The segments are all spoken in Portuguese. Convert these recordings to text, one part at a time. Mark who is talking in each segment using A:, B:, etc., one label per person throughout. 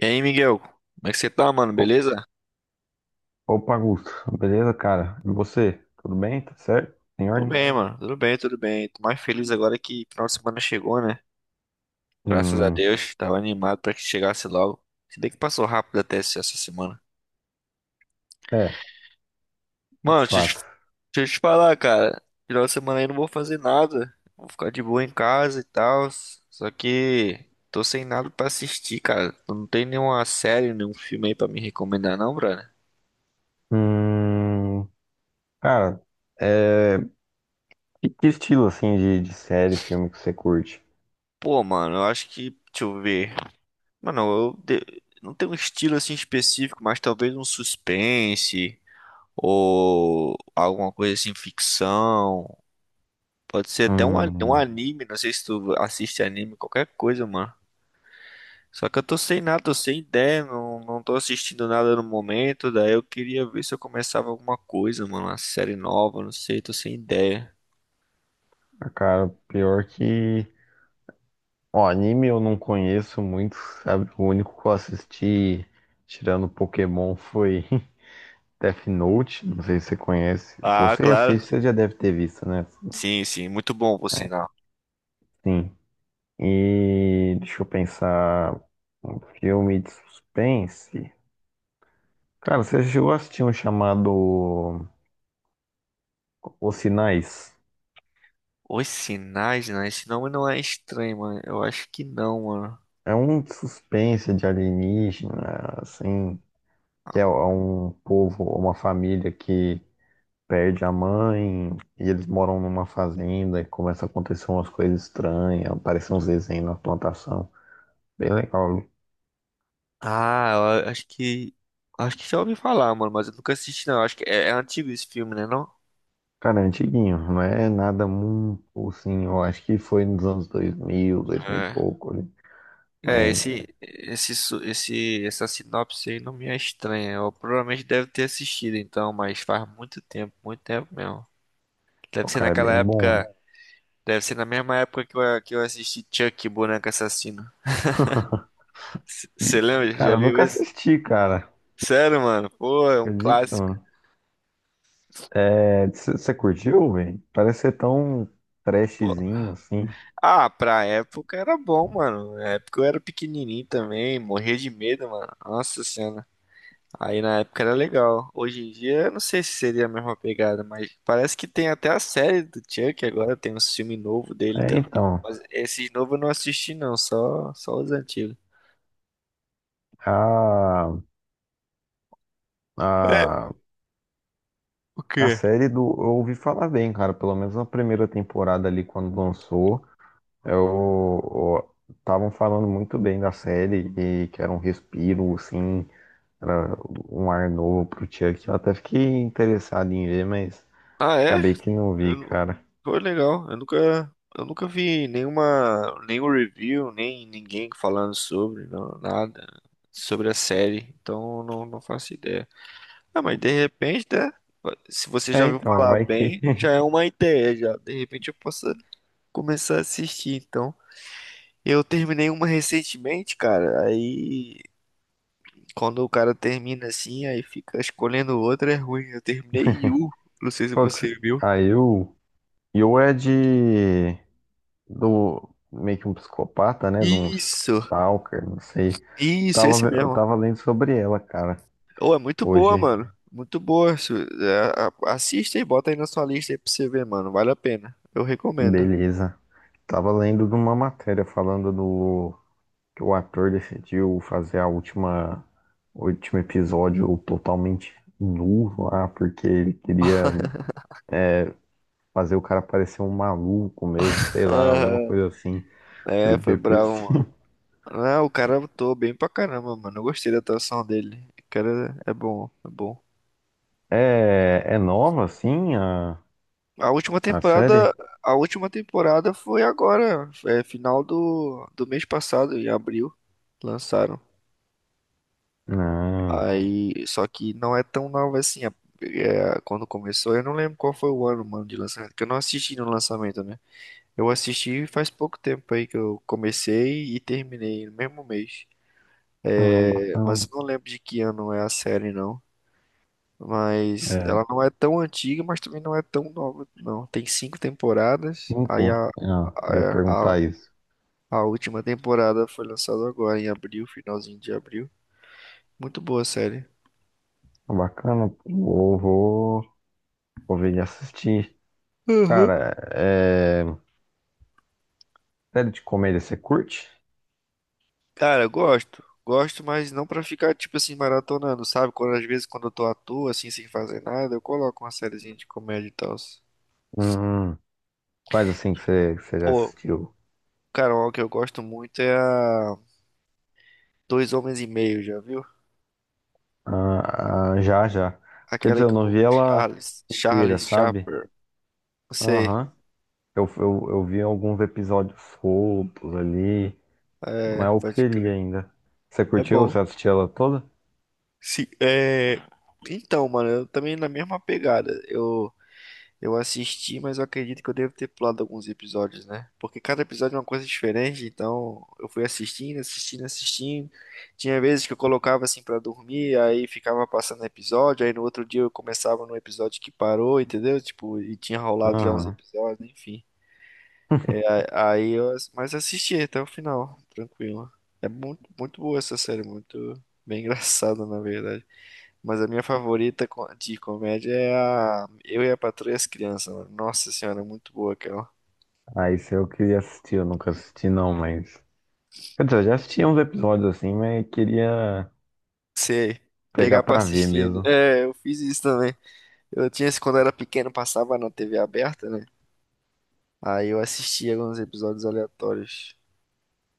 A: E aí, Miguel? Como é que você tá, mano?
B: O-
A: Beleza?
B: Opa, Augusto. Beleza, cara? E você? Tudo bem? Tá certo? Em
A: Tudo
B: ordem?
A: bem, mano. Tudo bem, tudo bem. Tô mais feliz agora que final de semana chegou, né? Graças a
B: Hum,
A: Deus. Tava animado pra que chegasse logo. Se bem que passou rápido até essa semana.
B: é, de
A: Mano,
B: fato.
A: deixa eu te falar, cara. Final de semana aí eu não vou fazer nada. Vou ficar de boa em casa e tal. Só que tô sem nada pra assistir, cara. Tu Não tem nenhuma série, nenhum filme aí pra me recomendar, não, brother?
B: Hum. Cara, é, que estilo, assim, de série, filme que você curte?
A: Pô, mano, eu acho que. Deixa eu ver. Mano, não tenho um estilo assim específico, mas talvez um suspense ou alguma coisa assim, ficção. Pode ser até um
B: Hum.
A: anime, não sei se tu assiste anime, qualquer coisa, mano. Só que eu tô sem nada, tô sem ideia, não tô assistindo nada no momento, daí eu queria ver se eu começava alguma coisa, mano, uma série nova, não sei, tô sem ideia.
B: Ah, cara, pior que. Ó, anime eu não conheço muito, sabe? O único que eu assisti, tirando Pokémon, foi Death Note. Não sei se você conhece. Se
A: Ah,
B: você
A: claro.
B: assiste, você já deve ter visto, né?
A: Sim, sim, muito bom por
B: É,
A: sinal.
B: sim. E deixa eu pensar. Um filme de suspense. Cara, você chegou a assistir um chamado Os Sinais?
A: Os sinais, né? Esse nome não é estranho, mano. Eu acho que não, mano.
B: É um de suspense de alienígena, assim, que é um povo, uma família que perde a mãe e eles moram numa fazenda e começa a acontecer umas coisas estranhas, aparecem uns desenhos na plantação. Bem legal.
A: Ah, eu acho que. Acho que já ouvi falar, mano, mas eu nunca assisti, não. Acho que é antigo esse filme, né, não?
B: Cara, é antiguinho, não é nada muito assim, eu acho que foi nos anos 2000, 2000 e
A: É.
B: pouco, né?
A: É,
B: Mas,
A: essa sinopse aí não me é estranha. Eu provavelmente deve ter assistido, então, mas faz muito tempo mesmo.
B: pô,
A: Deve ser
B: cara, é bem
A: naquela
B: bom, né?
A: época, deve ser na mesma época que eu assisti Chuck, Boneco Assassino. Você lembra? Já
B: Cara, eu
A: viu
B: nunca
A: isso?
B: assisti, cara.
A: Sério, mano? Pô, é um
B: Acredito,
A: clássico.
B: mano. É, você curtiu, velho? Parece ser tão trashzinho assim.
A: Ah, pra época era bom, mano. Na época eu era pequenininho também, morria de medo, mano. Nossa senhora. Aí na época era legal. Hoje em dia eu não sei se seria a mesma pegada, mas parece que tem até a série do Chuck agora, tem um filme novo dele
B: É,
A: também.
B: então,
A: Mas esse novo eu não assisti não, só os antigos.
B: a, a, a
A: Que?
B: série do. Eu ouvi falar bem, cara. Pelo menos na primeira temporada ali, quando lançou, eu. Estavam falando muito bem da série e que era um respiro, assim, era um ar novo pro Chuck. Eu até fiquei interessado em ver, mas.
A: Ah, é?
B: Acabei que não
A: Eu
B: vi,
A: não-
B: cara.
A: Foi legal. Eu nunca vi nenhum review, nem ninguém falando sobre, não, nada sobre a série. Então eu não faço ideia. Ah, mas de repente, né? Se você já
B: É,
A: ouviu
B: então,
A: falar
B: vai que.
A: bem, já é uma ideia, já. De repente eu posso começar a assistir, então. Eu terminei uma recentemente, cara. Aí, quando o cara termina assim, aí fica escolhendo outra, é ruim. Eu terminei Yu. Não sei se
B: Qual que-
A: você viu.
B: A Yu. Yu é de. Do. Meio que um psicopata, né? De um
A: Isso,
B: stalker, não sei.
A: isso, esse
B: Eu
A: mesmo.
B: tava lendo sobre ela, cara.
A: Oh, é muito boa,
B: Hoje.
A: mano. Muito boa. Assista e bota aí na sua lista aí pra você ver, mano. Vale a pena. Eu recomendo.
B: Beleza. Tava lendo de uma matéria falando do. Que o ator decidiu fazer a última. O último episódio totalmente nu lá, porque ele queria fazer o cara parecer um maluco mesmo, sei lá, alguma
A: Aham.
B: coisa assim. Ele
A: É, foi
B: veio por.
A: bravo. Ah, o cara atuou bem pra caramba, mano. Eu gostei da atuação dele. O cara é bom, é bom.
B: É nova, assim, a,
A: A última
B: a série?
A: temporada, a última temporada foi agora, é final do, do mês passado, em abril, lançaram.
B: Ah,
A: Aí, só que não é tão nova assim. Quando começou, eu não lembro qual foi o ano, mano, de lançamento, porque eu não assisti no lançamento, né? Eu assisti faz pouco tempo aí que eu comecei e terminei no mesmo mês.
B: ah,
A: É, mas
B: bacana.
A: eu não lembro de que ano é a série, não. Mas
B: É,
A: ela não é tão antiga, mas também não é tão nova, não. Tem cinco temporadas. Aí
B: cinco. Ah, eu ia
A: a, a,
B: perguntar isso.
A: a última temporada foi lançada agora, em abril, finalzinho de abril. Muito boa a série.
B: Ah, bacana, vou ver e assistir.
A: Uhum.
B: Cara, é, série de comédia você curte?
A: Cara, eu gosto. Gosto, mas não pra ficar, tipo assim, maratonando, sabe? Quando, às vezes, quando eu tô à toa, assim, sem fazer nada, eu coloco uma sériezinha de comédia e tal.
B: Hum. Quais assim que você já
A: Pô,
B: assistiu?
A: cara, uma que eu gosto muito é a Dois Homens e Meio, já viu?
B: Ah, ah, já, já. Quer
A: Aquela
B: dizer, eu
A: com
B: não
A: o
B: vi ela
A: Charles,
B: inteira,
A: Charles
B: sabe?
A: Chaplin. Não sei.
B: Aham. Eu vi alguns episódios soltos ali.
A: É,
B: Mas eu
A: pode
B: queria
A: crer.
B: ainda. Você
A: É
B: curtiu?
A: bom.
B: Você assistiu ela toda?
A: Se, é... Então, mano, eu também na mesma pegada. Eu assisti, mas eu acredito que eu devo ter pulado alguns episódios, né? Porque cada episódio é uma coisa diferente, então eu fui assistindo. Tinha vezes que eu colocava assim pra dormir, aí ficava passando episódio, aí no outro dia eu começava no episódio que parou, entendeu? Tipo, e tinha rolado já uns
B: Aham.
A: episódios, enfim. Aí eu, ass- mas assisti até o final, tranquilo. É muito, muito boa essa série, muito bem engraçada, na verdade. Mas a minha favorita de comédia é a Eu e a Patroa e as Crianças, mano. Nossa senhora, é muito boa aquela.
B: Ah, isso eu queria assistir, eu nunca assisti não, mas. Quer dizer, eu já assisti uns episódios assim, mas queria
A: Sei,
B: pegar
A: pegar pra
B: pra ver
A: assistir. Né?
B: mesmo.
A: É, eu fiz isso também. Eu tinha esse quando eu era pequeno, passava na TV aberta, né? Aí eu assistia alguns episódios aleatórios.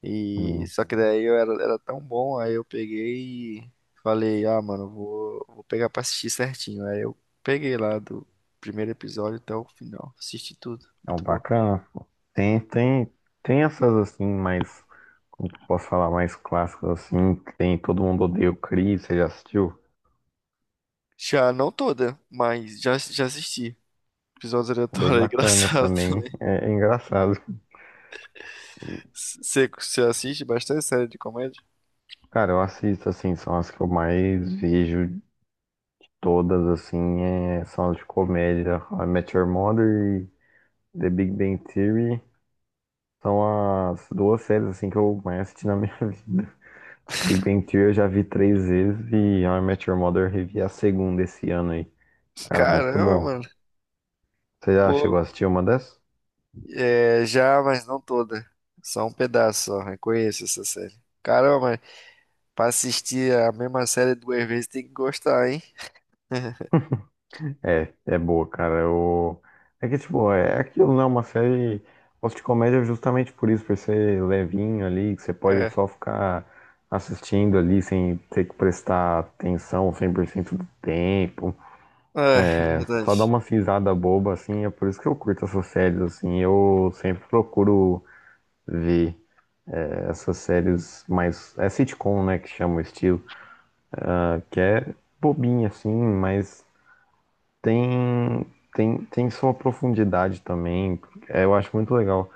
A: E
B: Hum.
A: só que daí era tão bom, aí eu peguei e falei, ah, mano, vou pegar pra assistir certinho. Aí eu peguei lá do primeiro episódio até o final. Assisti tudo.
B: É um
A: Muito bom.
B: bacana, pô. Tem, tem, tem essas assim, mais. Como que eu posso falar, mais clássicas assim, que tem Todo Mundo Odeia o Chris, você já assistiu?
A: Já não toda, mas já, já assisti. Episódios
B: Bem
A: aleatórios, é
B: bacana
A: engraçado
B: também.
A: também.
B: É, é engraçado. E,
A: Você assiste bastante série de comédia?
B: cara, eu assisto assim, são as que eu mais vejo. Todas, assim, é, são de comédia. A Met Your Mother e The Big Bang Theory são as duas séries, assim, que eu mais assisti na minha vida. Big Bang Theory eu já vi três vezes e A Met Your Mother eu revi a segunda esse ano aí. Cara, muito
A: Caramba,
B: bom.
A: mano.
B: Você já
A: Pô,
B: chegou a assistir uma dessas?
A: é, já, mas não toda. Só um pedaço, só. Reconheço essa série. Caramba, mas pra assistir a mesma série duas vezes tem que gostar, hein?
B: É, é boa, cara. Eu. É que, tipo, é aquilo, né? Uma série gosto de comédia justamente por isso, por ser levinho ali, que você pode
A: É.
B: só ficar assistindo ali sem ter que prestar atenção 100% do tempo.
A: Ah, é
B: Só dar
A: verdade.
B: uma risada boba, assim. É por isso que eu curto essas séries, assim. Eu sempre procuro ver essas séries mais. É sitcom, né? Que chama o estilo. Que é bobinha, assim, mas Tem, tem sua profundidade também. É, eu acho muito legal.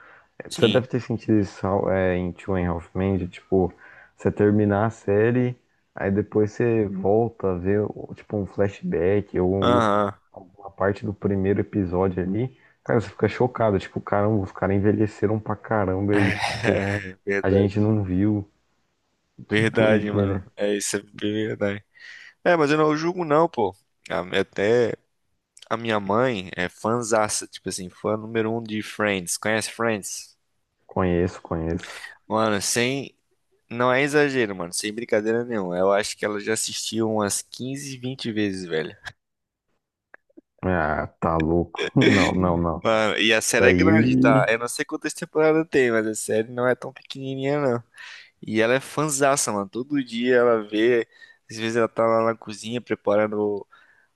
B: Você
A: Sim.
B: deve ter sentido isso é, em Two and a Half Men, de, tipo, você terminar a série, aí depois você volta a ver, tipo, um flashback ou
A: Aham.
B: alguma parte do primeiro episódio ali. Cara, você fica chocado, tipo, caramba, os caras envelheceram pra caramba e, tipo,
A: É,
B: a gente
A: verdade.
B: não viu. Que
A: Verdade, mano.
B: doideira.
A: É isso, é bem verdade. É, mas eu não julgo não, pô. A- Até a minha mãe é fãzaça, tipo assim, fã número um de Friends. Conhece Friends?
B: Conheço, conheço.
A: Mano, sem... Não é exagero, mano. Sem brincadeira nenhuma. Eu acho que ela já assistiu umas 15 20 vezes, velho.
B: Ah, tá louco. Não, não, não.
A: Mano, e a
B: Isso
A: série é grande, tá?
B: aí.
A: Eu não sei quantas temporadas tem, mas a série não é tão pequenininha, não. E ela é fanzaça, mano. Todo dia ela vê. Às vezes ela tá lá na cozinha preparando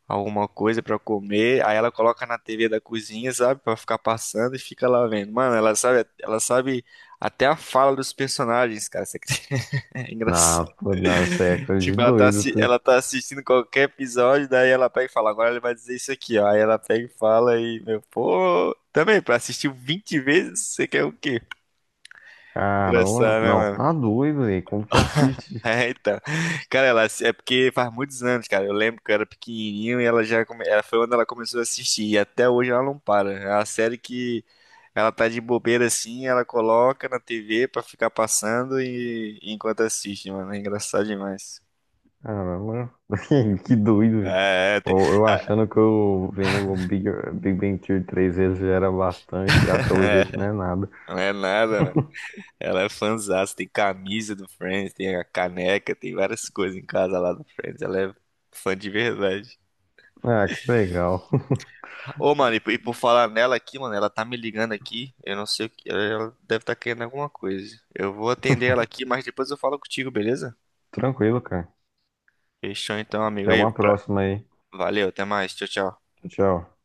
A: alguma coisa pra comer. Aí ela coloca na TV da cozinha, sabe? Pra ficar passando e fica lá vendo. Mano, ela sabe até a fala dos personagens, cara. Você acredita? É
B: Não,
A: engraçado.
B: pô, não, isso aí é coisa de
A: Tipo,
B: doido, tu.
A: ela tá assistindo qualquer episódio, daí ela pega e fala, agora ele vai dizer isso aqui, ó. Aí ela pega e fala e, meu, pô, também, pra assistir 20 vezes, você quer o quê?
B: Caramba,
A: Engraçado, né,
B: não,
A: mano?
B: tá doido, velho. Como que assiste?
A: É, então. Cara, ela é porque faz muitos anos, cara. Eu lembro que eu era pequenininho e ela já come... ela foi onde ela começou a assistir e até hoje ela não para. É uma série que ela tá de bobeira assim, ela coloca na TV pra ficar passando e enquanto assiste, mano. É engraçado demais.
B: Caramba, que doido, velho.
A: É, é,
B: Eu,
A: tem-
B: eu achando que eu vendo o Big Bang Theory três vezes já era bastante, já pelo jeito não é nada.
A: não é nada, mano. Ela é fãzaça, tem camisa do Friends, tem a caneca, tem várias coisas em casa lá do Friends. Ela é fã de verdade.
B: Ah, que legal.
A: Ô, mano, e por falar nela aqui, mano, ela tá me ligando aqui. Eu não sei o que. Ela deve estar querendo alguma coisa. Eu vou atender ela aqui, mas depois eu falo contigo, beleza?
B: Tranquilo, cara.
A: Fechou então, amigo.
B: Até
A: Ei,
B: uma
A: pra-
B: próxima aí.
A: Valeu, até mais. Tchau, tchau.
B: Tchau, tchau.